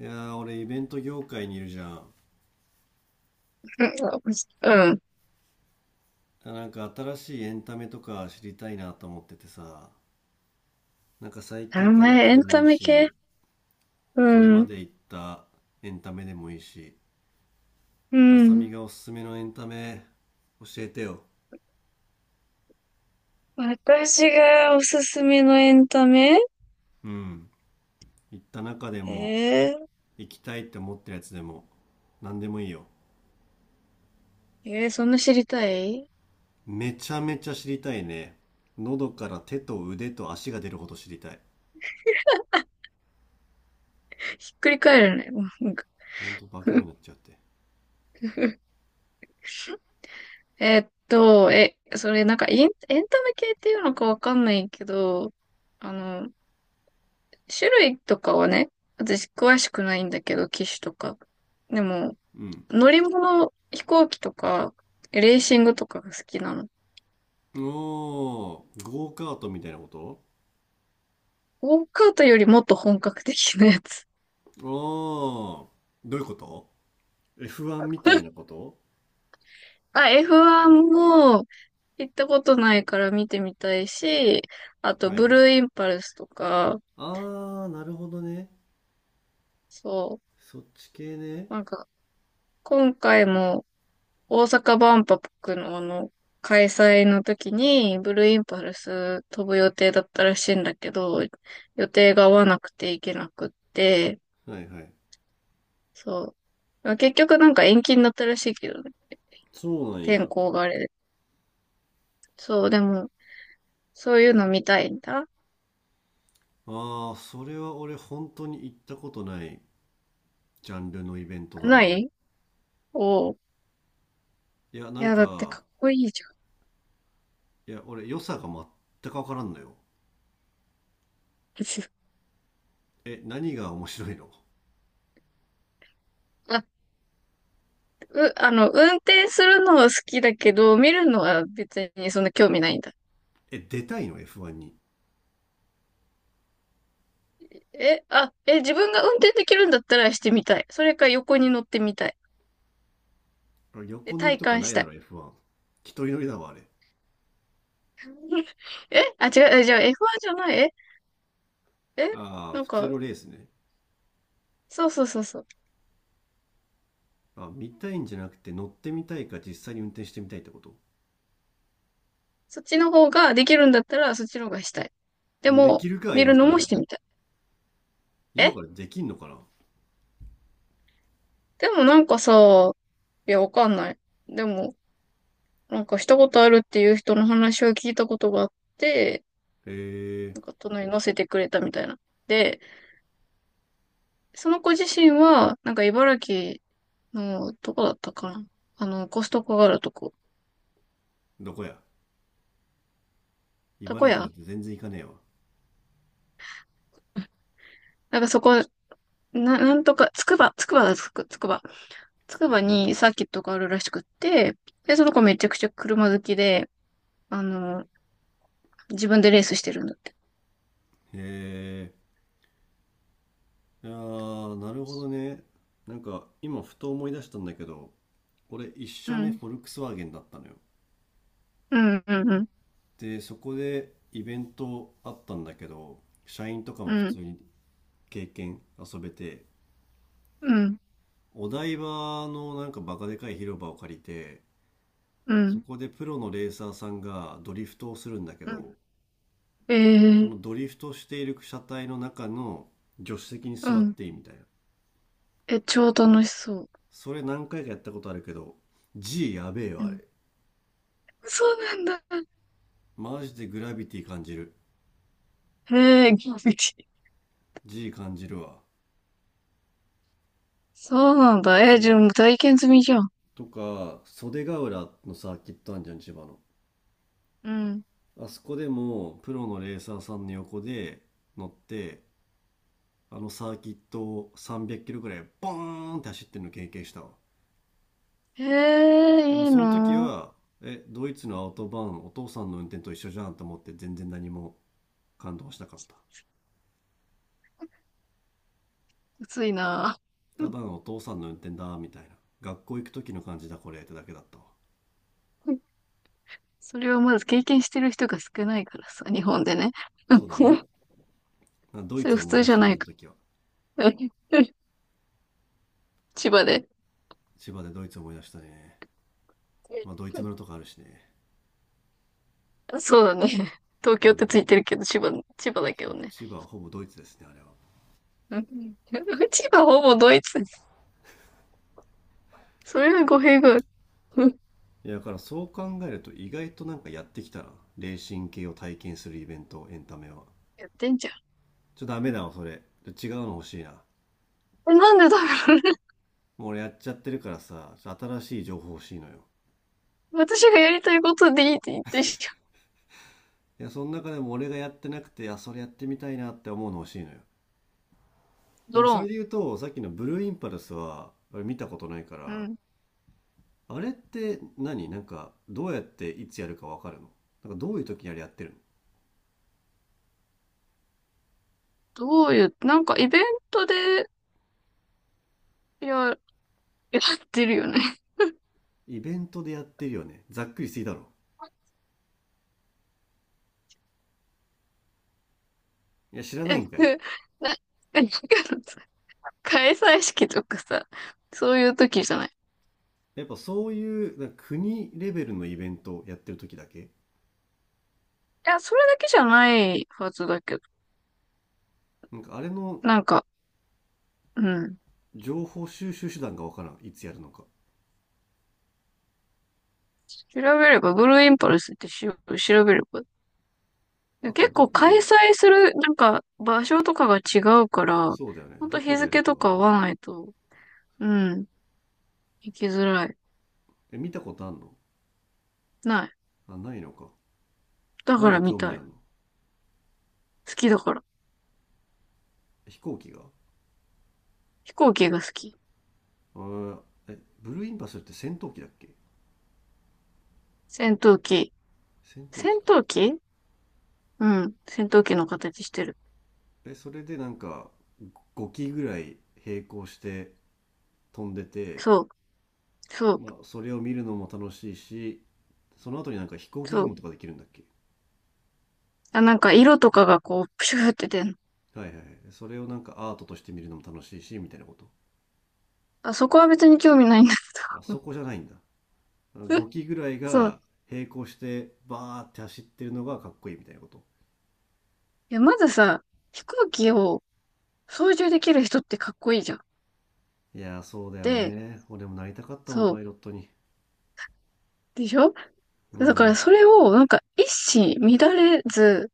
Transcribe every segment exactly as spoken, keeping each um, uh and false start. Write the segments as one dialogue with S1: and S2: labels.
S1: いやー、俺イベント業界にいるじゃん。
S2: うん、うん。
S1: なんか新しいエンタメとか知りたいなと思っててさ。なんか最近
S2: 名
S1: 行った
S2: 前、
S1: 中
S2: エ
S1: で
S2: ン
S1: もい
S2: タ
S1: い
S2: メ系、
S1: し、
S2: う
S1: これま
S2: ん、
S1: で行ったエンタメでもいいし、
S2: う
S1: 浅見
S2: ん。
S1: がおすすめのエンタメ教えてよ。
S2: 私がおすすめのエンタメ。
S1: うん。行った中でも、
S2: えー、
S1: 行きたいって思ってるやつでも、何でもいいよ。
S2: えー、そんな知りたい？
S1: めちゃめちゃ知りたいね。喉から手と腕と足が出るほど知りたい。
S2: ひっくり返るね。うん。
S1: ほんと化け物になっちゃって。
S2: えーっと、え、それなんかエン、エンタメ系っていうのかわかんないけど、あの、種類とかはね、私詳しくないんだけど、機種とか。でも、
S1: うん。
S2: 乗り物、飛行機とか、レーシングとかが好きなの。
S1: おー。ゴーカートみたいなこと？
S2: ゴーカートよりもっと本格的なやつ。
S1: ああ、どういうこと？ エフワン みたいな こと？
S2: あ、エフワン も行ったことないから見てみたいし、あと
S1: はい
S2: ブ
S1: は
S2: ル
S1: い。
S2: ーインパルスとか、
S1: あ。あー、なるほどね。
S2: そ
S1: そっち系ね。
S2: う、なんか今回も大阪万博のあの開催の時にブルーインパルス飛ぶ予定だったらしいんだけど、予定が合わなくて行けなくって、
S1: はいはい。
S2: そう。結局なんか延期になったらしいけどね、
S1: そうなん
S2: 天
S1: や。
S2: 候があれで。そう、でもそういうの見たいんだ。
S1: ああ、それは俺本当に行ったことないジャンルのイベントだ
S2: な
S1: な。
S2: い、おう。
S1: いや、な
S2: い
S1: ん
S2: や、だって
S1: か、
S2: かっこいいじゃ
S1: いや、俺良さが全くわからんのよ。
S2: ん。
S1: え、何が面白いの？
S2: あ、う、あの、運転するのは好きだけど、見るのは別にそんな興味ないんだ。
S1: え、出たいの？ エフワン に。
S2: え、あ、え、自分が運転できるんだったらしてみたい。それか横に乗ってみたい。
S1: あ、
S2: で、
S1: 横乗り
S2: 体
S1: とか
S2: 感
S1: な
S2: し
S1: い
S2: た
S1: だ
S2: い。
S1: ろ エフワン。一人乗りだわ、あれ。
S2: え、あ、違う、えじゃあ エフワン じゃない、え、え、
S1: ああ、
S2: なん
S1: 普通
S2: か、
S1: のレースね。
S2: そうそうそうそう。
S1: あ、見たいんじゃなくて乗ってみたいか実際に運転してみたいってこと？
S2: そっちの方ができるんだったら、そっちの方がしたい。で
S1: でき
S2: も、
S1: るか、
S2: 見
S1: 今
S2: るの
S1: か
S2: も
S1: ら。
S2: してみたい。
S1: 今
S2: え、
S1: からできんのかな？
S2: でもなんかさ、いや、わかんない。でも、なんかしたことあるっていう人の話を聞いたことがあって、
S1: へえ。
S2: なんか隣に乗せてくれたみたいな。で、その子自身は、なんか茨城の、どこだったかな、あの、コストコがあるとこ。
S1: どこや？茨
S2: た
S1: 城
S2: こ
S1: だって
S2: 屋、
S1: 全然行かねえわ。
S2: なんかそこ、な、なんとか、つくば、つくばだ、つく、つくば。つ
S1: つ
S2: く
S1: くば
S2: ば
S1: ね。
S2: にサーキットがあるらしくって、で、その子めちゃくちゃ車好きで、あの、自分でレースしてるんだって。
S1: へえ。ああ、なるほどね。なんか、今ふと思い出したんだけど、俺一
S2: う
S1: 社目
S2: ん。
S1: フォルクスワーゲンだったのよ。
S2: うん、うん、うん、
S1: で、そこでイベントあったんだけど、社員とか
S2: う
S1: も普通
S2: ん、
S1: に経験遊べて、
S2: うん、
S1: お台場のなんかバカでかい広場を借りて、
S2: う
S1: そ
S2: ん、
S1: こでプロのレーサーさんがドリフトをするんだけ
S2: う
S1: ど、そ
S2: ん。ええ、
S1: のドリフトしている車体の中の助手席に
S2: う
S1: 座っ
S2: ん。
S1: ていいみたいな。
S2: え、超楽しそう。
S1: それ何回かやったことあるけど、G やべえ
S2: う
S1: わ、あれ。
S2: ん。そうなんだ。
S1: マジでグラビティ感じる。
S2: へえ、びっくり。
S1: G 感じるわ。
S2: そうなんだ。え
S1: そ
S2: じ
S1: う。
S2: ゃあ体験済みじゃん。
S1: とか、袖ヶ浦のサーキットあんじゃん、千葉の。
S2: うん。
S1: あそこでも、プロのレーサーさんの横で乗って、あのサーキットをさんびゃっキロぐらいボーンって走ってるの経験したわ。
S2: え
S1: で
S2: え
S1: も
S2: いい
S1: その時
S2: な、う、
S1: は、え、ドイツのアウトバーン、お父さんの運転と一緒じゃんと思って全然何も感動しなかった。
S2: 暑いな。
S1: た だのお父さんの運転だ、みたいな。学校行く時の感じだ、これ、ってだけだったわ。
S2: それはまず経験してる人が少ないからさ、日本でね。
S1: そうだね。あ、ドイ
S2: そ
S1: ツ
S2: れ普
S1: 思い
S2: 通
S1: 出
S2: じ
S1: し
S2: ゃ
S1: たね、
S2: な
S1: あ
S2: い
S1: の
S2: か。
S1: 時は。
S2: 千葉で。
S1: 千葉でドイツ思い出したね。まあ、ドイツ村とかあるしね。
S2: そうだね。東京
S1: う
S2: っ
S1: ん。
S2: てついてるけど、千葉、千葉だけど
S1: そう、
S2: ね。
S1: 千葉はほぼドイツですね、あれは。
S2: うん。 千葉ほぼドイツ。それは語弊がある。うん。
S1: いや、だからそう考えると意外となんかやってきたな。レーシング系を体験するイベント、エンタメは。
S2: やってんじゃ
S1: ちょ、ダメだわ、それ。違うの欲しいな。
S2: ん。え、なんでだろうね。
S1: もう俺やっちゃってるからさ、新しい情報欲しいのよ。
S2: 私がやりたいことでいいって言ってんじゃん。
S1: いや、その中でも俺がやってなくて、あ、それやってみたいなって思うの欲しいのよ。で
S2: ド
S1: も
S2: ロ
S1: そ
S2: ー
S1: れ
S2: ン。
S1: で言うと、さっきのブルーインパルスは、見たことないか
S2: う
S1: ら、
S2: ん。
S1: あれって何なんか、どうやっていつやるかわかるの？なんかどういう時にあれやってるの？
S2: どういう、なんかイベントでや、やってるよね。
S1: イベントでやってるよね。ざっくりすぎだろ。いや、知 らな
S2: え
S1: い
S2: な、
S1: んかい。
S2: えなんか開催式とかさ、そういう時じゃない？い
S1: やっぱそういう、なんか国レベルのイベントやってる時だけ？
S2: や、それだけじゃないはずだけど。
S1: なんかあれの
S2: なんか、うん。
S1: 情報収集手段がわからん。いつやるのか。
S2: 調べれば、ブルーインパルスってし、調べれば。
S1: あと、
S2: 結
S1: ど
S2: 構
S1: こで
S2: 開
S1: や。
S2: 催する、なんか、場所とかが違うから、
S1: そうだよね。
S2: ほんと
S1: どこ
S2: 日
S1: でやる
S2: 付
S1: か
S2: と
S1: が
S2: か合
S1: ね。
S2: わないと、うん、行きづらい。
S1: え、見たことあんの？
S2: ない。
S1: あ、ないのか。
S2: だ
S1: なん
S2: か
S1: で
S2: ら見
S1: 興味
S2: た
S1: あ
S2: い。
S1: んの？
S2: 好きだから。
S1: 飛行機が？
S2: 飛行機が好き。
S1: あー。え、ブルーインパルスって戦闘機だっけ？
S2: 戦闘機。
S1: 戦闘機
S2: 戦
S1: か。
S2: 闘機、うん。戦闘機の形してる。
S1: え、それでなんかごき機ぐらい並行して飛んでて、
S2: そう、そう、
S1: まあそれを見るのも楽しいし、その後になんか飛行機
S2: そう。
S1: 雲とかできるんだっけ？
S2: あ、なんか色とかがこう、プシューって出んの。
S1: はいはいはい。それをなんかアートとして見るのも楽しいしみたいなこと？
S2: あ、そこは別に興味ないんだ。
S1: あ、そこじゃないんだ。 ごき機ぐらい
S2: そう。
S1: が並行してバーって走ってるのがかっこいいみたいなこと？
S2: いや、まずさ、飛行機を操縦できる人ってかっこいいじゃん。
S1: いやー、そうだよ
S2: で、
S1: ね。俺もなりたかったもん
S2: そ
S1: パ
S2: う。
S1: イロットに。
S2: でしょ？
S1: う
S2: だから
S1: ん。
S2: それを、なんか一糸乱れず、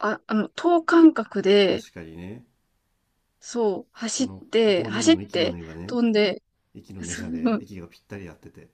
S2: あ、あの、等間隔で、
S1: 確かにね。
S2: そう、
S1: そ
S2: 走っ
S1: の
S2: て、
S1: ごにん
S2: 走っ
S1: の息の
S2: て、
S1: 根がね、
S2: 飛んで、
S1: 息の根じゃねえや、息がぴったり合ってて。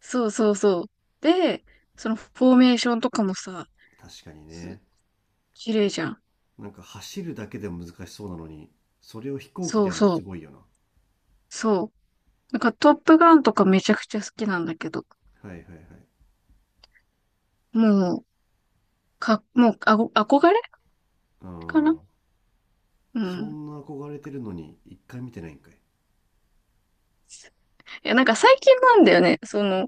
S2: そうそうそうそう。で、そのフォーメーションとかもさ、
S1: 確かにね。
S2: 綺麗じゃん。
S1: なんか走るだけでも難しそうなのに、それを飛行機
S2: そ
S1: で
S2: う
S1: やるの
S2: そ
S1: す
S2: う。
S1: ごいよな。
S2: そう。なんかトップガンとかめちゃくちゃ好きなんだけど。
S1: はいはいはい。
S2: もう、か、もう、あご、憧れ
S1: あ
S2: かな、
S1: あ。
S2: う
S1: そ
S2: ん。
S1: んな憧れてるのに一回見てないんかい。
S2: いや、なんか最近なんだよね。その、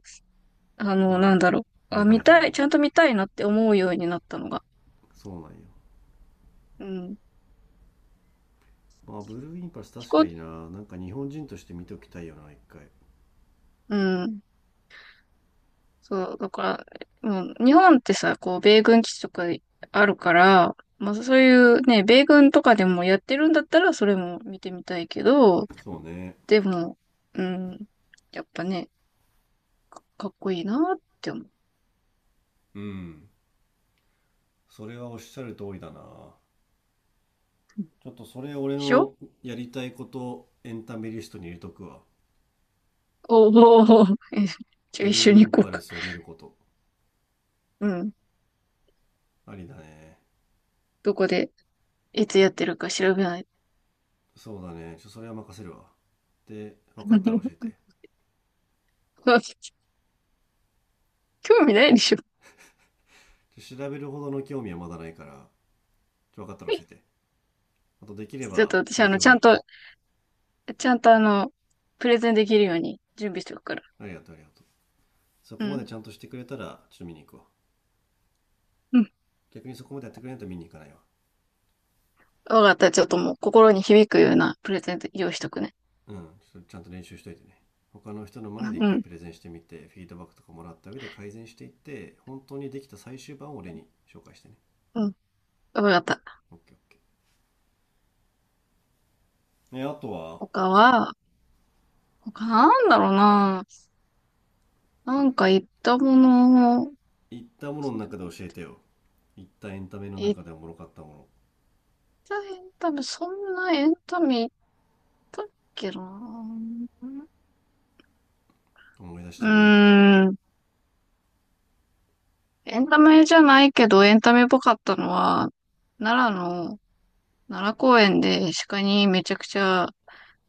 S2: あの、
S1: あ
S2: な
S1: あ、
S2: んだろう。
S1: 芽
S2: あ、
S1: 生
S2: 見
S1: えた
S2: た
S1: の
S2: い、
S1: が。
S2: ちゃんと見たいなって思うようになったのが。
S1: そうなんよ。
S2: うん。
S1: まあ、ブルーインパルス
S2: 飛
S1: 確か
S2: 行、
S1: にな。なんか日本人として見ておきたいよな、一回。
S2: うん。そう、だから、もう、日本ってさ、こう、米軍基地とかあるから、まあそういうね、米軍とかでもやってるんだったら、それも見てみたいけど、
S1: そうね。
S2: でも、うん。やっぱね、かっこいいなって思う。で
S1: うん。それはおっしゃる通りだな。ちょっとそれ俺
S2: しょ？
S1: のやりたいことエンタメリストに入れとくわ。
S2: おーお。 じゃ
S1: ブ
S2: あ一
S1: ル
S2: 緒
S1: ーイ
S2: に
S1: ン
S2: 行こう
S1: パル
S2: か。
S1: スを見ること。
S2: うん。
S1: ありだね。
S2: どこで、いつやってるか調べない？
S1: そうだね。ちょ、それは任せるわ。で、分かったら教え て。
S2: 興味ないでしょ？
S1: ちょ、調べるほどの興味はまだないから、ちょ、分かったら教え て。あと、できれ
S2: ちょっ
S1: ば
S2: と私、あ
S1: 東
S2: の、
S1: 京
S2: ち
S1: が
S2: ゃ
S1: いい
S2: ん
S1: かな。
S2: と、ちゃんとあの、プレゼンできるように準備しておくから。
S1: ありがとう、ありがとう。そ
S2: う
S1: こまで
S2: ん。
S1: ちゃんとしてくれたら、ちょっと見に行くわ。
S2: うん。
S1: 逆にそこまでやってくれないと見に行かないわ。
S2: わかった。ちょっともう心に響くようなプレゼント用意しとくね。
S1: うん、ちょっとちゃんと練習しといてね。他の人の前で一
S2: う
S1: 回
S2: ん。
S1: プレゼンしてみて、フィードバックとかもらった上で改善していって、本当にできた最終版を俺に紹介してね。
S2: うん。わかった。
S1: オッケーオッケー。ね、あとは、
S2: 他は、他なんだろうな。なんか言ったもの、
S1: 言ったものの中で教えてよ。言ったエンタメの
S2: 言っ
S1: 中でおもろかったも
S2: たエンタメ、そんなエンタメだっけな。
S1: の思い出し
S2: うー
S1: てみ。
S2: ん。エンタメじゃないけど、エンタメっぽかったのは、奈良の、奈良公園で鹿にめちゃくちゃ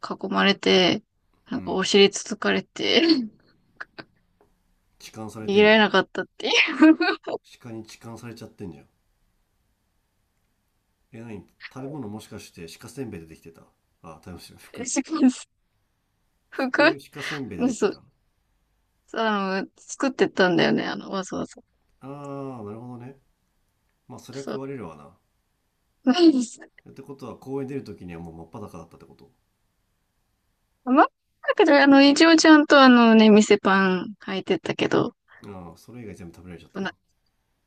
S2: 囲まれて、な
S1: う
S2: んかお
S1: ん。
S2: 尻つつかれて、
S1: 痴漢され
S2: 逃
S1: て
S2: げ
S1: ん
S2: ら
S1: じ
S2: れ
S1: ゃん。
S2: なかったってい
S1: 鹿に痴漢されちゃってんじゃん。え、何？食べ物もしかして鹿せんべいでできてた？あ、食べ物
S2: う。
S1: 服？
S2: 服、
S1: 服鹿せんべいでできて
S2: そう。
S1: た？
S2: あの、作ってたんだよね、あの、わざわざ。
S1: あー、なるほどね。まあ、そりゃ
S2: そ
S1: 食
S2: う。
S1: われるわな。
S2: ないです。
S1: ってことは公園出る時にはもう真っ裸だったってこと？
S2: まあ、なんかねあの、一応ちゃんとあのね、店パン履いてたけど、
S1: ああ、それ以外全部食べられちゃったか。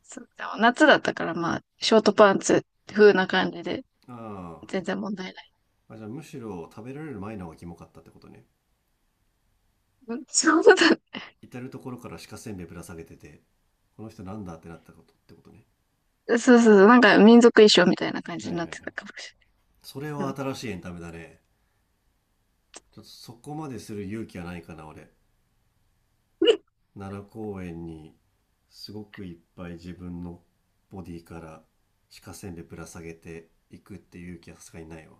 S2: そうだ夏だったから、まあ、ショートパンツ風な感じで、
S1: あ
S2: 全然問題ない。
S1: あ、あじゃあむしろ食べられる前の方がキモかったってことね。
S2: うん、そうだ。
S1: 至る所から鹿せんべいぶら下げてて、この人なんだってなったことってことね。
S2: そうそうそう、なんか民族衣装みたいな感じ
S1: はいは
S2: に
S1: い
S2: なっ
S1: は
S2: てた
S1: い。
S2: かもし
S1: それ
S2: れない。
S1: は
S2: うん。
S1: 新しいエンタメだね。ちょっとそこまでする勇気はないかな、俺。奈良公園にすごくいっぱい自分のボディから鹿せんべいぶら下げていくっていう勇気はさすがにないわ。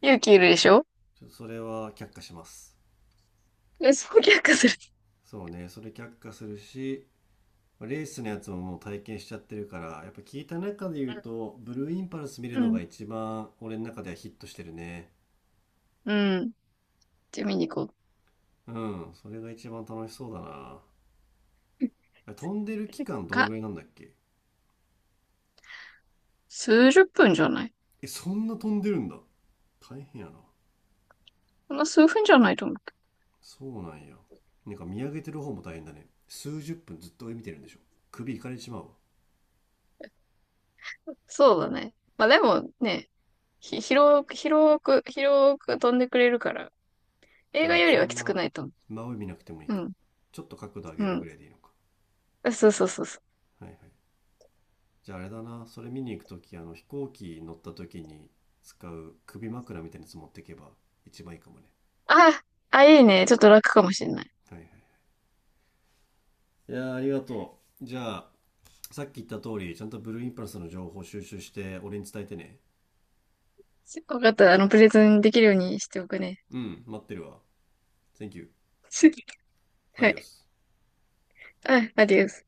S2: 勇気いるでしょ？
S1: ちょっとそれは却下します。
S2: え、そう逆化する。
S1: そうね、それ却下するし、まあレースのやつももう体験しちゃってるから、やっぱ聞いた中で言うと、ブルーインパルス見る
S2: う
S1: のが
S2: ん。
S1: 一番俺の中ではヒットしてるね。
S2: うん。じゃあ見に行こう
S1: うん、それが一番楽しそうだな。あれ飛んでる期間どん
S2: か。
S1: ぐらいなんだっけ？
S2: 数十分じゃない？
S1: え、そんな飛んでるんだ。大変やな。
S2: そんな数分じゃないと思うけど。
S1: そうなんや。なんか見上げてる方も大変だね。数十分ずっと上見てるんでしょ？首いかれてしまう。
S2: そうだね。まあでもね、ひ、広く、広く、広く飛んでくれるから、映
S1: わ
S2: 画
S1: あ、
S2: より
S1: そ
S2: は
S1: ん
S2: きつく
S1: な。
S2: ないと思
S1: 真上見なくてもいい
S2: う。
S1: か。
S2: うん。
S1: ちょっと角度上げるぐら
S2: う
S1: いでいいのか。
S2: ん。そうそうそうそう。
S1: はいはい。じゃあ、あれだな。それ見に行く時、あの飛行機乗った時に使う首枕みたいなやつ持ってけば一番いいかもね。
S2: あ、あ、いいね。ちょっと楽かもしれない。
S1: はいはい。いやあ、ありがとう。じゃあ、さっき言った通りちゃんとブルーインパルスの情報収集して俺に伝えてね。
S2: わかった。あの、プレゼンできるようにしておくね。
S1: うん、待ってるわ。 Thank you
S2: はい。
S1: adios。
S2: あ、アディオス。